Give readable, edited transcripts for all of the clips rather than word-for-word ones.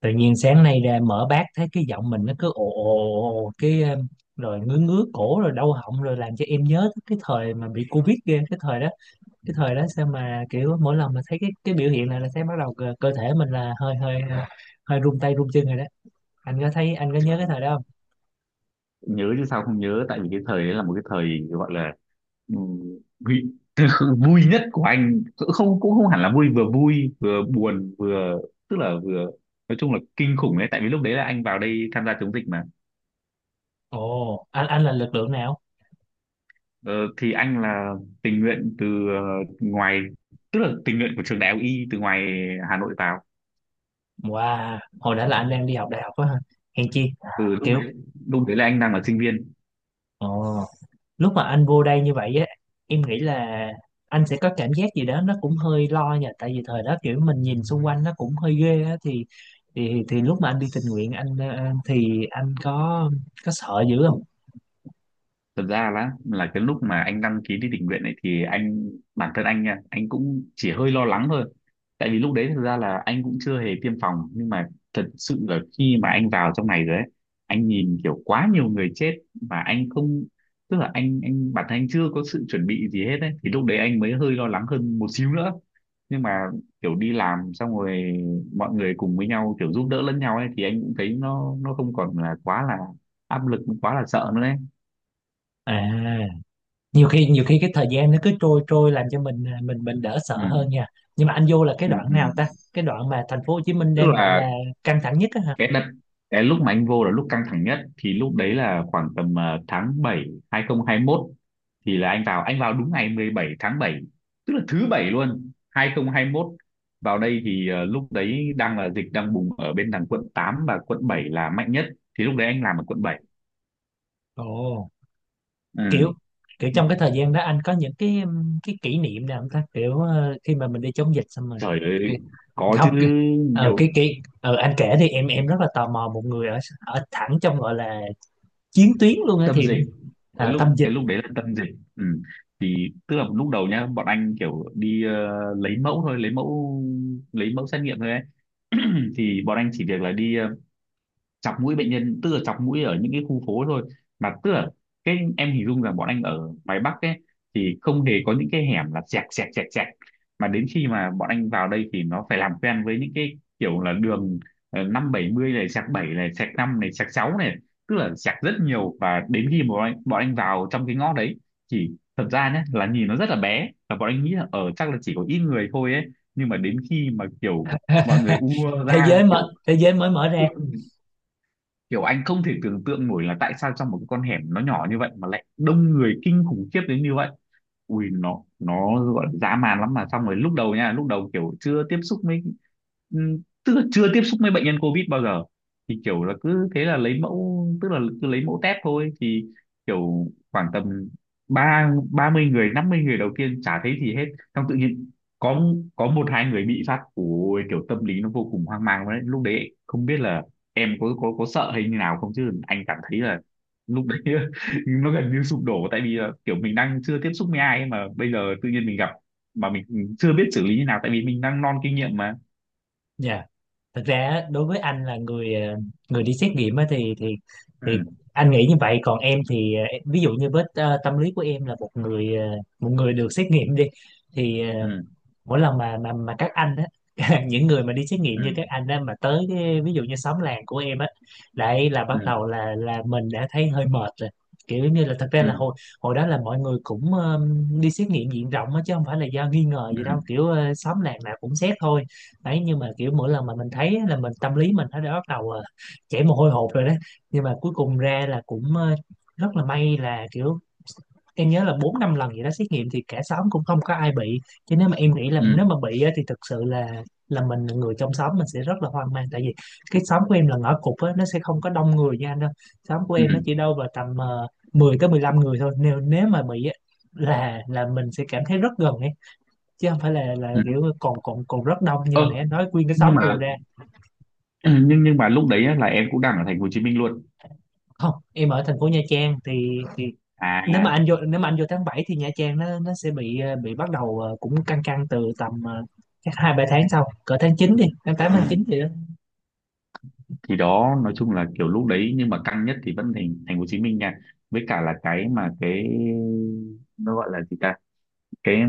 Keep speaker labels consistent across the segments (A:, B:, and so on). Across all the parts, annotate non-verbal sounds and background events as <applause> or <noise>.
A: Tự nhiên sáng nay ra mở bát thấy cái giọng mình nó cứ ồ ồ ồ ồ, cái rồi ngứa ngứa cổ rồi đau họng rồi làm cho em nhớ tới cái thời mà bị Covid ghê. Cái thời đó, cái thời đó sao mà kiểu mỗi lần mà thấy cái biểu hiện này là thấy bắt đầu cơ thể mình là hơi hơi hơi run tay run chân rồi đó. Anh có thấy anh có nhớ cái thời đó không?
B: Nhớ chứ, sao không nhớ. Tại vì cái thời đấy là một cái thời gọi là vui, <laughs> vui nhất của anh cũng không hẳn là vui, vừa vui vừa buồn vừa tức là vừa nói chung là kinh khủng đấy. Tại vì lúc đấy là anh vào đây tham gia chống dịch mà.
A: Ồ, anh là lực lượng nào?
B: Ờ, thì anh là tình nguyện từ ờ, ngoài, tức là tình nguyện của trường đại học Y từ ngoài Hà Nội vào.
A: Wow, hồi đó là anh đang đi học đại học á hả? Hèn chi.
B: Từ
A: Kiểu,
B: lúc đấy là anh đang là sinh viên.
A: ồ, lúc mà anh vô đây như vậy á, em nghĩ là anh sẽ có cảm giác gì đó nó cũng hơi lo nha, tại vì thời đó kiểu mình nhìn xung quanh nó cũng hơi ghê á, thì lúc mà anh đi tình nguyện anh, thì anh có sợ dữ không?
B: Thật ra là cái lúc mà anh đăng ký đi tình nguyện này thì anh bản thân anh nha, anh cũng chỉ hơi lo lắng thôi. Tại vì lúc đấy thực ra là anh cũng chưa hề tiêm phòng. Nhưng mà thật sự là khi mà anh vào trong này rồi ấy, anh nhìn kiểu quá nhiều người chết mà anh không, tức là anh bản thân anh chưa có sự chuẩn bị gì hết ấy, thì lúc đấy anh mới hơi lo lắng hơn một xíu nữa. Nhưng mà kiểu đi làm xong rồi, mọi người cùng với nhau kiểu giúp đỡ lẫn nhau ấy, thì anh cũng thấy nó không còn là quá là áp lực, quá là sợ nữa,
A: À, nhiều khi cái thời gian nó cứ trôi trôi làm cho mình đỡ sợ
B: đấy.
A: hơn nha. Nhưng mà anh vô là cái
B: Ừ,
A: đoạn
B: ừ.
A: nào ta, cái đoạn mà thành phố Hồ Chí Minh
B: Tức
A: đang gọi
B: là
A: là căng thẳng nhất á hả?
B: cái đợt cái lúc mà anh vô là lúc căng thẳng nhất, thì lúc đấy là khoảng tầm tháng 7 2021. Thì là anh vào đúng ngày 17 tháng 7, tức là thứ bảy luôn, 2021. Vào đây thì lúc đấy đang là dịch đang bùng ở bên đằng quận 8 và quận 7 là mạnh nhất, thì lúc đấy anh làm ở quận 7.
A: Ồ, kiểu
B: Ừ.
A: kiểu trong cái thời gian đó anh có những cái kỷ niệm nào không ta, kiểu, khi mà mình đi chống dịch xong rồi.
B: Trời
A: Cái-
B: ơi, có
A: Không.
B: chứ,
A: Cái- ờ
B: nhiều.
A: cái ờ Anh kể thì em rất là tò mò một người ở ở thẳng trong gọi là chiến tuyến luôn á
B: Tâm
A: thì
B: dịch.
A: đấy.
B: cái
A: À,
B: lúc
A: tâm dịch.
B: cái lúc đấy là tâm dịch. Ừ. Thì tức là lúc đầu nhá, bọn anh kiểu đi lấy mẫu thôi, lấy mẫu xét nghiệm thôi ấy. Thì bọn anh chỉ việc là đi chọc mũi bệnh nhân, tức là chọc mũi ở những cái khu phố thôi. Mà tức là cái em hình dung là bọn anh ở ngoài Bắc ấy, thì không hề có những cái hẻm là sẹt sẹt sẹt sẹt. Mà đến khi mà bọn anh vào đây thì nó phải làm quen với những cái kiểu là đường năm bảy mươi này sẹt bảy này sẹt năm này sẹt sáu này, tức là sẹt rất nhiều. Và đến khi mà bọn anh vào trong cái ngõ đấy, thì thật ra nhé là nhìn nó rất là bé, và bọn anh nghĩ là ở chắc là chỉ có ít người thôi ấy. Nhưng mà đến khi mà kiểu mọi người ùa ra kiểu,
A: Thế giới mới mở ra.
B: kiểu anh không thể tưởng tượng nổi là tại sao trong một cái con hẻm nó nhỏ như vậy mà lại đông người kinh khủng khiếp đến như vậy. Ui, nó gọi là dã man lắm. Mà xong rồi lúc đầu nha, lúc đầu kiểu chưa tiếp xúc với ừm, tức là chưa tiếp xúc với bệnh nhân covid bao giờ, thì kiểu là cứ thế là lấy mẫu, tức là cứ lấy mẫu test thôi. Thì kiểu khoảng tầm ba ba mươi người, 50 người đầu tiên chả thấy gì hết. Xong tự nhiên có có một hai người bị phát, ôi kiểu tâm lý nó vô cùng hoang mang đấy lúc đấy, không biết là em có sợ hay như nào không, chứ anh cảm thấy là lúc đấy <laughs> nó gần như sụp đổ. Tại vì là kiểu mình đang chưa tiếp xúc với ai ấy mà bây giờ tự nhiên mình gặp, mà mình chưa biết xử lý như nào, tại vì mình đang non kinh nghiệm mà.
A: Nha, thật ra á, đối với anh là người đi xét nghiệm á thì
B: Ừ,
A: anh nghĩ như vậy. Còn em thì, ví dụ như với, tâm lý của em là một người được xét nghiệm đi thì,
B: ừ,
A: mỗi lần mà các anh á, <laughs> những người mà đi xét nghiệm
B: ừ,
A: như các anh á mà tới cái, ví dụ như xóm làng của em á, đấy là bắt
B: ừ,
A: đầu là mình đã thấy hơi mệt rồi. Kiểu như là thật ra
B: ừ,
A: là hồi hồi đó là mọi người cũng, đi xét nghiệm diện rộng á, chứ không phải là do nghi ngờ gì đâu,
B: ừ,
A: kiểu, xóm làng nào cũng xét thôi. Đấy, nhưng mà kiểu mỗi lần mà mình thấy á, là mình tâm lý mình nó đã bắt đầu, chảy mồ hôi hột rồi đó. Nhưng mà cuối cùng ra là cũng, rất là may là kiểu em nhớ là bốn năm lần gì đó xét nghiệm thì cả xóm cũng không có ai bị. Chứ nếu mà em nghĩ là
B: ừ,
A: nếu mà bị á, thì thực sự là mình là người trong xóm mình sẽ rất là hoang mang, tại vì cái xóm của em là ngõ cụt á, nó sẽ không có đông người như anh đâu. Xóm của em nó
B: ừ,
A: chỉ đâu vào tầm, 10 tới 15 người thôi, nếu nếu mà bị á, là mình sẽ cảm thấy rất gần ấy, chứ không phải là
B: ừ.
A: kiểu còn còn còn rất đông như
B: Ơ,
A: hồi nãy anh nói nguyên cái xóm
B: nhưng mà
A: ùa ra.
B: <clears throat> nhưng mà lúc đấy á, là em cũng đang ở thành phố Hồ Chí Minh luôn.
A: Không, em ở thành phố Nha Trang thì.
B: À.
A: Nếu mà anh vô tháng 7 thì Nha Trang nó sẽ bị bắt đầu, cũng căng căng từ tầm, chắc hai ba tháng sau, cỡ tháng 9 đi, tháng 8 tháng 9
B: Ừ.
A: gì đó.
B: Thì đó nói chung là kiểu lúc đấy, nhưng mà căng nhất thì vẫn thành thành phố Hồ Chí Minh nha. Với cả là cái mà cái nó gọi là gì ta, cái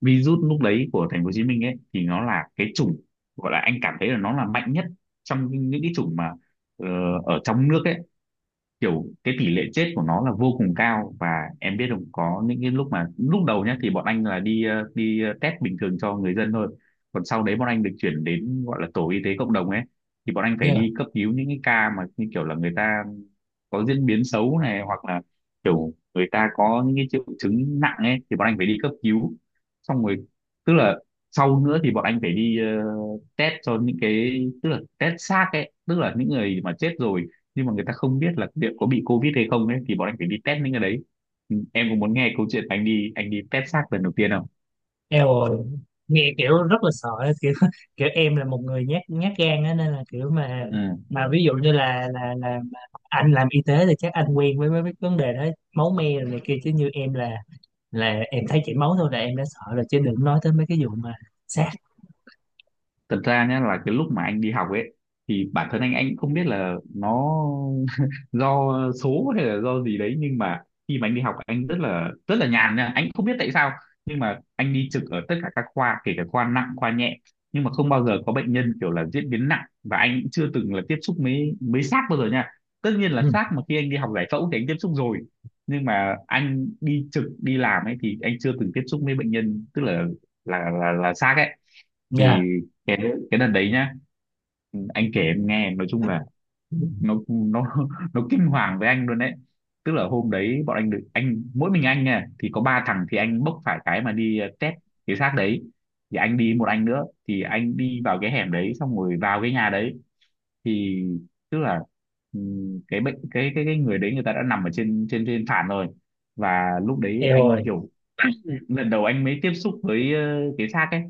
B: virus lúc đấy của thành phố Hồ Chí Minh ấy, thì nó là cái chủng, gọi là anh cảm thấy là nó là mạnh nhất trong những cái chủng mà ờ, ở trong nước ấy. Kiểu cái tỷ lệ chết của nó là vô cùng cao. Và em biết không, có những cái lúc mà lúc đầu nhá thì bọn anh là test bình thường cho người dân thôi, còn sau đấy bọn anh được chuyển đến gọi là tổ y tế cộng đồng ấy, thì bọn anh phải
A: Dạ.
B: đi cấp cứu những cái ca mà như kiểu là người ta có diễn biến xấu này, hoặc là kiểu người ta có những cái triệu chứng nặng ấy, thì bọn anh phải đi cấp cứu. Xong rồi, tức là sau nữa thì bọn anh phải đi test cho những cái, tức là test xác ấy, tức là những người mà chết rồi nhưng mà người ta không biết là liệu có bị covid hay không ấy, thì bọn anh phải đi test những cái đấy. Ừ, em có muốn nghe câu chuyện anh đi, test xác lần đầu tiên không?
A: Eo ơi, nghe kiểu rất là sợ ấy, kiểu <laughs> kiểu em là một người nhát nhát gan á, nên là kiểu mà
B: Ừ.
A: mà ví dụ như là mà anh làm y tế thì chắc anh quen với mấy cái vấn đề đó, máu me rồi này kia, chứ như em là em thấy chảy máu thôi là em đã sợ rồi, chứ đừng nói tới mấy cái vụ mà xác.
B: Thật ra nhá là cái lúc mà anh đi học ấy, thì bản thân anh cũng không biết là nó <laughs> do số hay là do gì đấy. Nhưng mà khi mà anh đi học, anh rất là nhàn nha, anh cũng không biết tại sao, nhưng mà anh đi trực ở tất cả các khoa, kể cả khoa nặng khoa nhẹ, nhưng mà không bao giờ có bệnh nhân kiểu là diễn biến nặng, và anh cũng chưa từng là tiếp xúc mấy mấy xác bao giờ nha. Tất nhiên là
A: Ừ.
B: xác mà khi anh đi học giải phẫu thì anh tiếp xúc rồi, nhưng mà anh đi trực đi làm ấy thì anh chưa từng tiếp xúc với bệnh nhân, tức là là xác ấy.
A: Dạ.
B: Thì cái cái đợt đấy nhá, anh kể em nghe, nói chung là nó <laughs> nó kinh hoàng với anh luôn đấy. Tức là hôm đấy bọn anh được, anh mỗi mình anh nha, thì có ba thằng, thì anh bốc phải cái mà đi test cái xác đấy. Thì anh đi một anh nữa, thì anh đi vào cái hẻm đấy, xong rồi vào cái nhà đấy. Thì tức là cái bệnh cái người đấy, người ta đã nằm ở trên trên trên sàn rồi. Và lúc đấy
A: Eo
B: anh
A: ơi.
B: kiểu <clears throat> lần đầu anh mới tiếp xúc với cái xác ấy.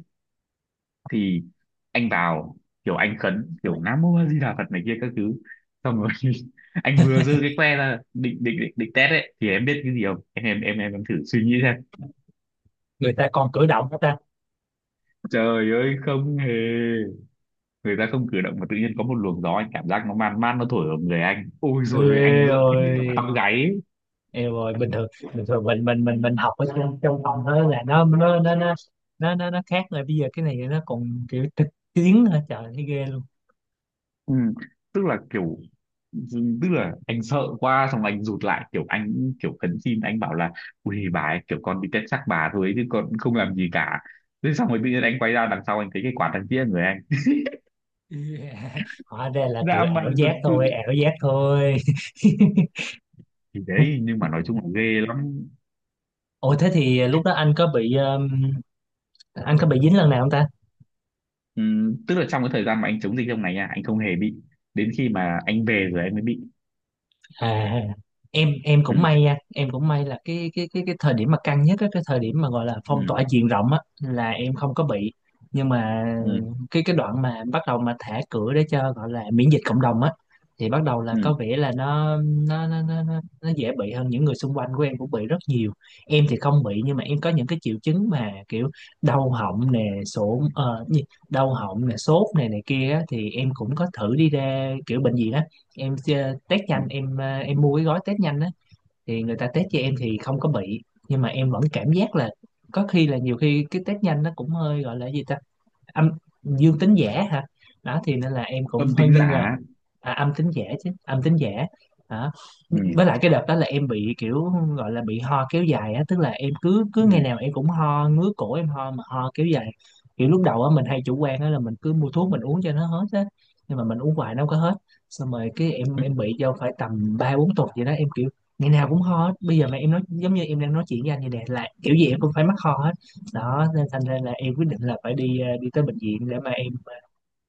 B: Thì anh vào, kiểu anh khấn kiểu Nam Mô A Di Đà Phật này kia các thứ, xong rồi <laughs> anh vừa giơ cái que ra định test ấy, thì em biết cái gì không em, thử suy nghĩ xem.
A: Người ta còn cử động hết ta.
B: Trời ơi, không hề, người ta không cử động mà tự nhiên có một luồng gió, anh cảm giác nó man man nó thổi ở người anh, ôi rồi anh
A: Eo
B: giận hết cả
A: ơi.
B: tóc gáy ấy.
A: Yêu rồi. Bình thường, bình thường mình học ở trong trong phòng thôi là nó khác rồi, bây giờ cái này nó còn kiểu thực chiến hả trời, thấy ghê luôn.
B: Ừ. Tức là kiểu, tức là anh sợ quá xong anh rụt lại, kiểu anh kiểu khấn xin, anh bảo là ui bà ấy, kiểu con đi test xác bà thôi chứ con không làm gì cả. Thế xong rồi tự nhiên anh quay ra đằng sau, anh thấy cái quả thằng kia người anh
A: <laughs> Yeah. Hóa ra là kiểu
B: dã
A: ảo
B: man thật
A: giác thôi,
B: sự.
A: ảo giác thôi. <laughs>
B: Thì đấy nhưng mà nói chung là ghê lắm.
A: Ủa thế thì lúc đó anh có bị dính lần nào không ta?
B: Tức là trong cái thời gian mà anh chống dịch trong này nha, anh không hề bị, đến khi mà anh về rồi anh mới bị.
A: À, em
B: Ừ,
A: cũng may nha, em cũng may là cái thời điểm mà căng nhất á, cái thời điểm mà gọi là
B: ừ,
A: phong tỏa diện rộng á là em không có bị, nhưng mà
B: ừ,
A: cái đoạn mà bắt đầu mà thả cửa để cho gọi là miễn dịch cộng đồng á, thì bắt đầu là
B: ừ,
A: có vẻ là nó dễ bị hơn, những người xung quanh của em cũng bị rất nhiều. Em thì không bị nhưng mà em có những cái triệu chứng mà kiểu đau họng nè, gì? Đau họng nè Sốt này này kia á, thì em cũng có thử đi ra kiểu bệnh viện á, em chơi test
B: ừ.
A: nhanh, em mua cái gói test nhanh á. Thì người ta test cho em thì không có bị, nhưng mà em vẫn cảm giác là có khi là nhiều khi cái test nhanh nó cũng hơi gọi là gì ta, âm dương tính giả hả? Đó thì nên là em cũng
B: Âm
A: hơi
B: tính
A: nghi ngờ.
B: giả.
A: À, âm tính giả, chứ âm tính giả hả?
B: Ừ,
A: Với lại cái đợt đó là em bị kiểu gọi là bị ho kéo dài á, tức là em cứ
B: ừ.
A: cứ ngày nào em cũng ho ngứa cổ em ho mà ho kéo dài. Kiểu lúc đầu á mình hay chủ quan á là mình cứ mua thuốc mình uống cho nó hết á, nhưng mà mình uống hoài nó không có hết. Xong rồi cái em bị vô phải tầm ba bốn tuần vậy đó, em kiểu ngày nào cũng ho hết, bây giờ mà em nói giống như em đang nói chuyện với anh vậy nè là kiểu gì em cũng phải mắc ho hết. Đó nên thành ra là em quyết định là phải đi tới bệnh viện để mà em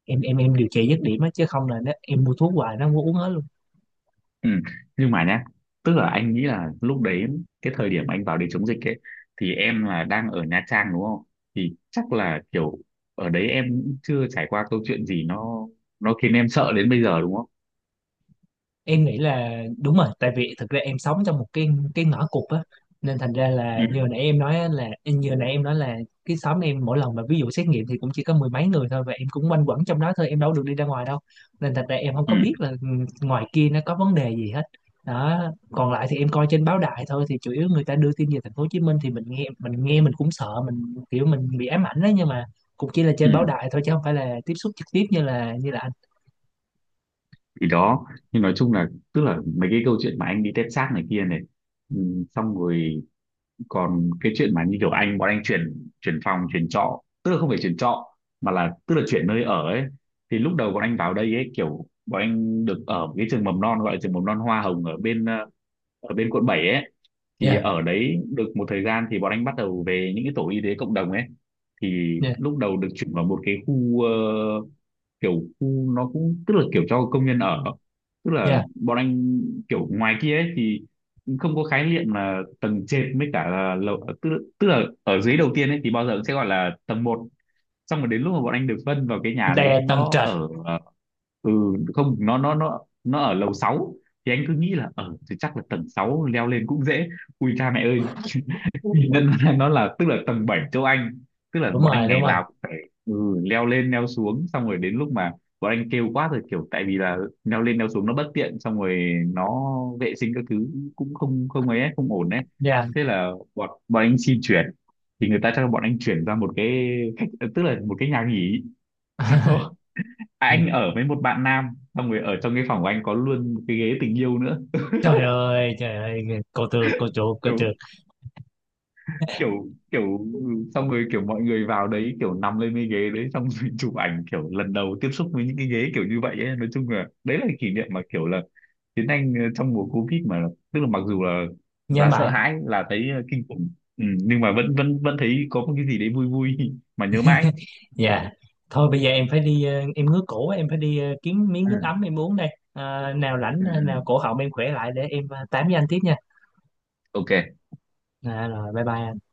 A: em em em điều trị dứt điểm á, chứ không là nó em mua thuốc hoài nó không có uống hết luôn.
B: Ừ. Nhưng mà nhá, tức là anh nghĩ là lúc đấy, cái thời điểm anh vào để chống dịch ấy, thì em là đang ở Nha Trang đúng không? Thì chắc là kiểu ở đấy em cũng chưa trải qua câu chuyện gì nó khiến em sợ đến bây giờ đúng không?
A: Em nghĩ là đúng rồi, tại vì thực ra em sống trong một cái ngõ cụt á, nên thành ra là
B: Ừ,
A: như hồi nãy em nói là cái xóm em mỗi lần mà ví dụ xét nghiệm thì cũng chỉ có mười mấy người thôi, và em cũng quanh quẩn trong đó thôi, em đâu được đi ra ngoài đâu, nên thành ra em không có
B: ừ,
A: biết là, ngoài kia nó có vấn đề gì hết. Đó, còn lại thì em coi trên báo đài thôi, thì chủ yếu người ta đưa tin về thành phố Hồ Chí Minh, thì mình nghe mình cũng sợ, mình kiểu mình bị ám ảnh đó, nhưng mà cũng chỉ là trên báo
B: ừ.
A: đài thôi chứ không phải là tiếp xúc trực tiếp như là anh.
B: Thì đó, nhưng nói chung là tức là mấy cái câu chuyện mà anh đi tép xác này kia này, ừ, xong rồi còn cái chuyện mà như kiểu anh, bọn anh chuyển chuyển phòng chuyển trọ, tức là không phải chuyển trọ mà là tức là chuyển nơi ở ấy. Thì lúc đầu bọn anh vào đây ấy kiểu bọn anh được ở cái trường mầm non, gọi là trường mầm non Hoa Hồng ở bên ở bên quận 7 ấy. Thì
A: Dạ,
B: ở đấy được một thời gian thì bọn anh bắt đầu về những cái tổ y tế cộng đồng ấy. Thì
A: dạ,
B: lúc đầu được chuyển vào một cái khu kiểu, khu nó cũng tức là kiểu cho công nhân ở. Tức là
A: dạ.
B: bọn anh kiểu ngoài kia ấy thì không có khái niệm là tầng trệt với cả là lầu, tức là ở dưới đầu tiên ấy thì bao giờ cũng sẽ gọi là tầng 1. Xong rồi đến lúc mà bọn anh được phân vào cái nhà đấy,
A: Đè tầng
B: nó
A: trệt.
B: ở ừ, không, nó ở lầu 6. Thì anh cứ nghĩ là ở thì chắc là tầng 6 leo lên cũng dễ, ui cha mẹ ơi. Thì nên <laughs> là nó là tức là tầng 7 châu Anh, tức là
A: Đúng
B: bọn anh
A: rồi, đúng
B: ngày
A: rồi.
B: nào cũng phải, ừ, leo lên leo xuống. Xong rồi đến lúc mà bọn anh kêu quá rồi kiểu, tại vì là leo lên leo xuống nó bất tiện, xong rồi nó vệ sinh các thứ cũng không không ấy ấy, không ổn đấy.
A: Dạ.
B: Thế là bọn bọn anh xin chuyển. Thì người ta cho bọn anh chuyển ra một cái khách, tức là một cái nhà nghỉ. <laughs>
A: <laughs>
B: Anh ở với một bạn nam, xong rồi ở trong cái phòng của anh có luôn một cái ghế tình yêu nữa.
A: Trời ơi, trời ơi. Cô tư, cô chủ, cô
B: kiểu
A: trượt.
B: kiểu kiểu xong rồi kiểu mọi người vào đấy kiểu nằm lên cái ghế đấy, xong rồi <laughs> chụp ảnh kiểu lần đầu tiếp xúc với những cái ghế kiểu như vậy ấy. Nói chung là đấy là kỷ niệm mà kiểu là Tiến Anh trong mùa Covid, mà tức là mặc dù
A: Nhớ
B: là sợ
A: mãi.
B: hãi, là thấy kinh khủng, ừ, nhưng mà vẫn vẫn vẫn thấy có một cái gì đấy vui vui <laughs> mà nhớ mãi.
A: Dạ. Thôi bây giờ em phải đi, em ngứa cổ quá, em phải đi, kiếm miếng
B: Ừ,
A: nước ấm em uống đây. À,
B: ừ,
A: nào
B: ừ.
A: cổ họng em khỏe lại để em, tám với anh tiếp nha.
B: Ok.
A: À, rồi bye bye anh.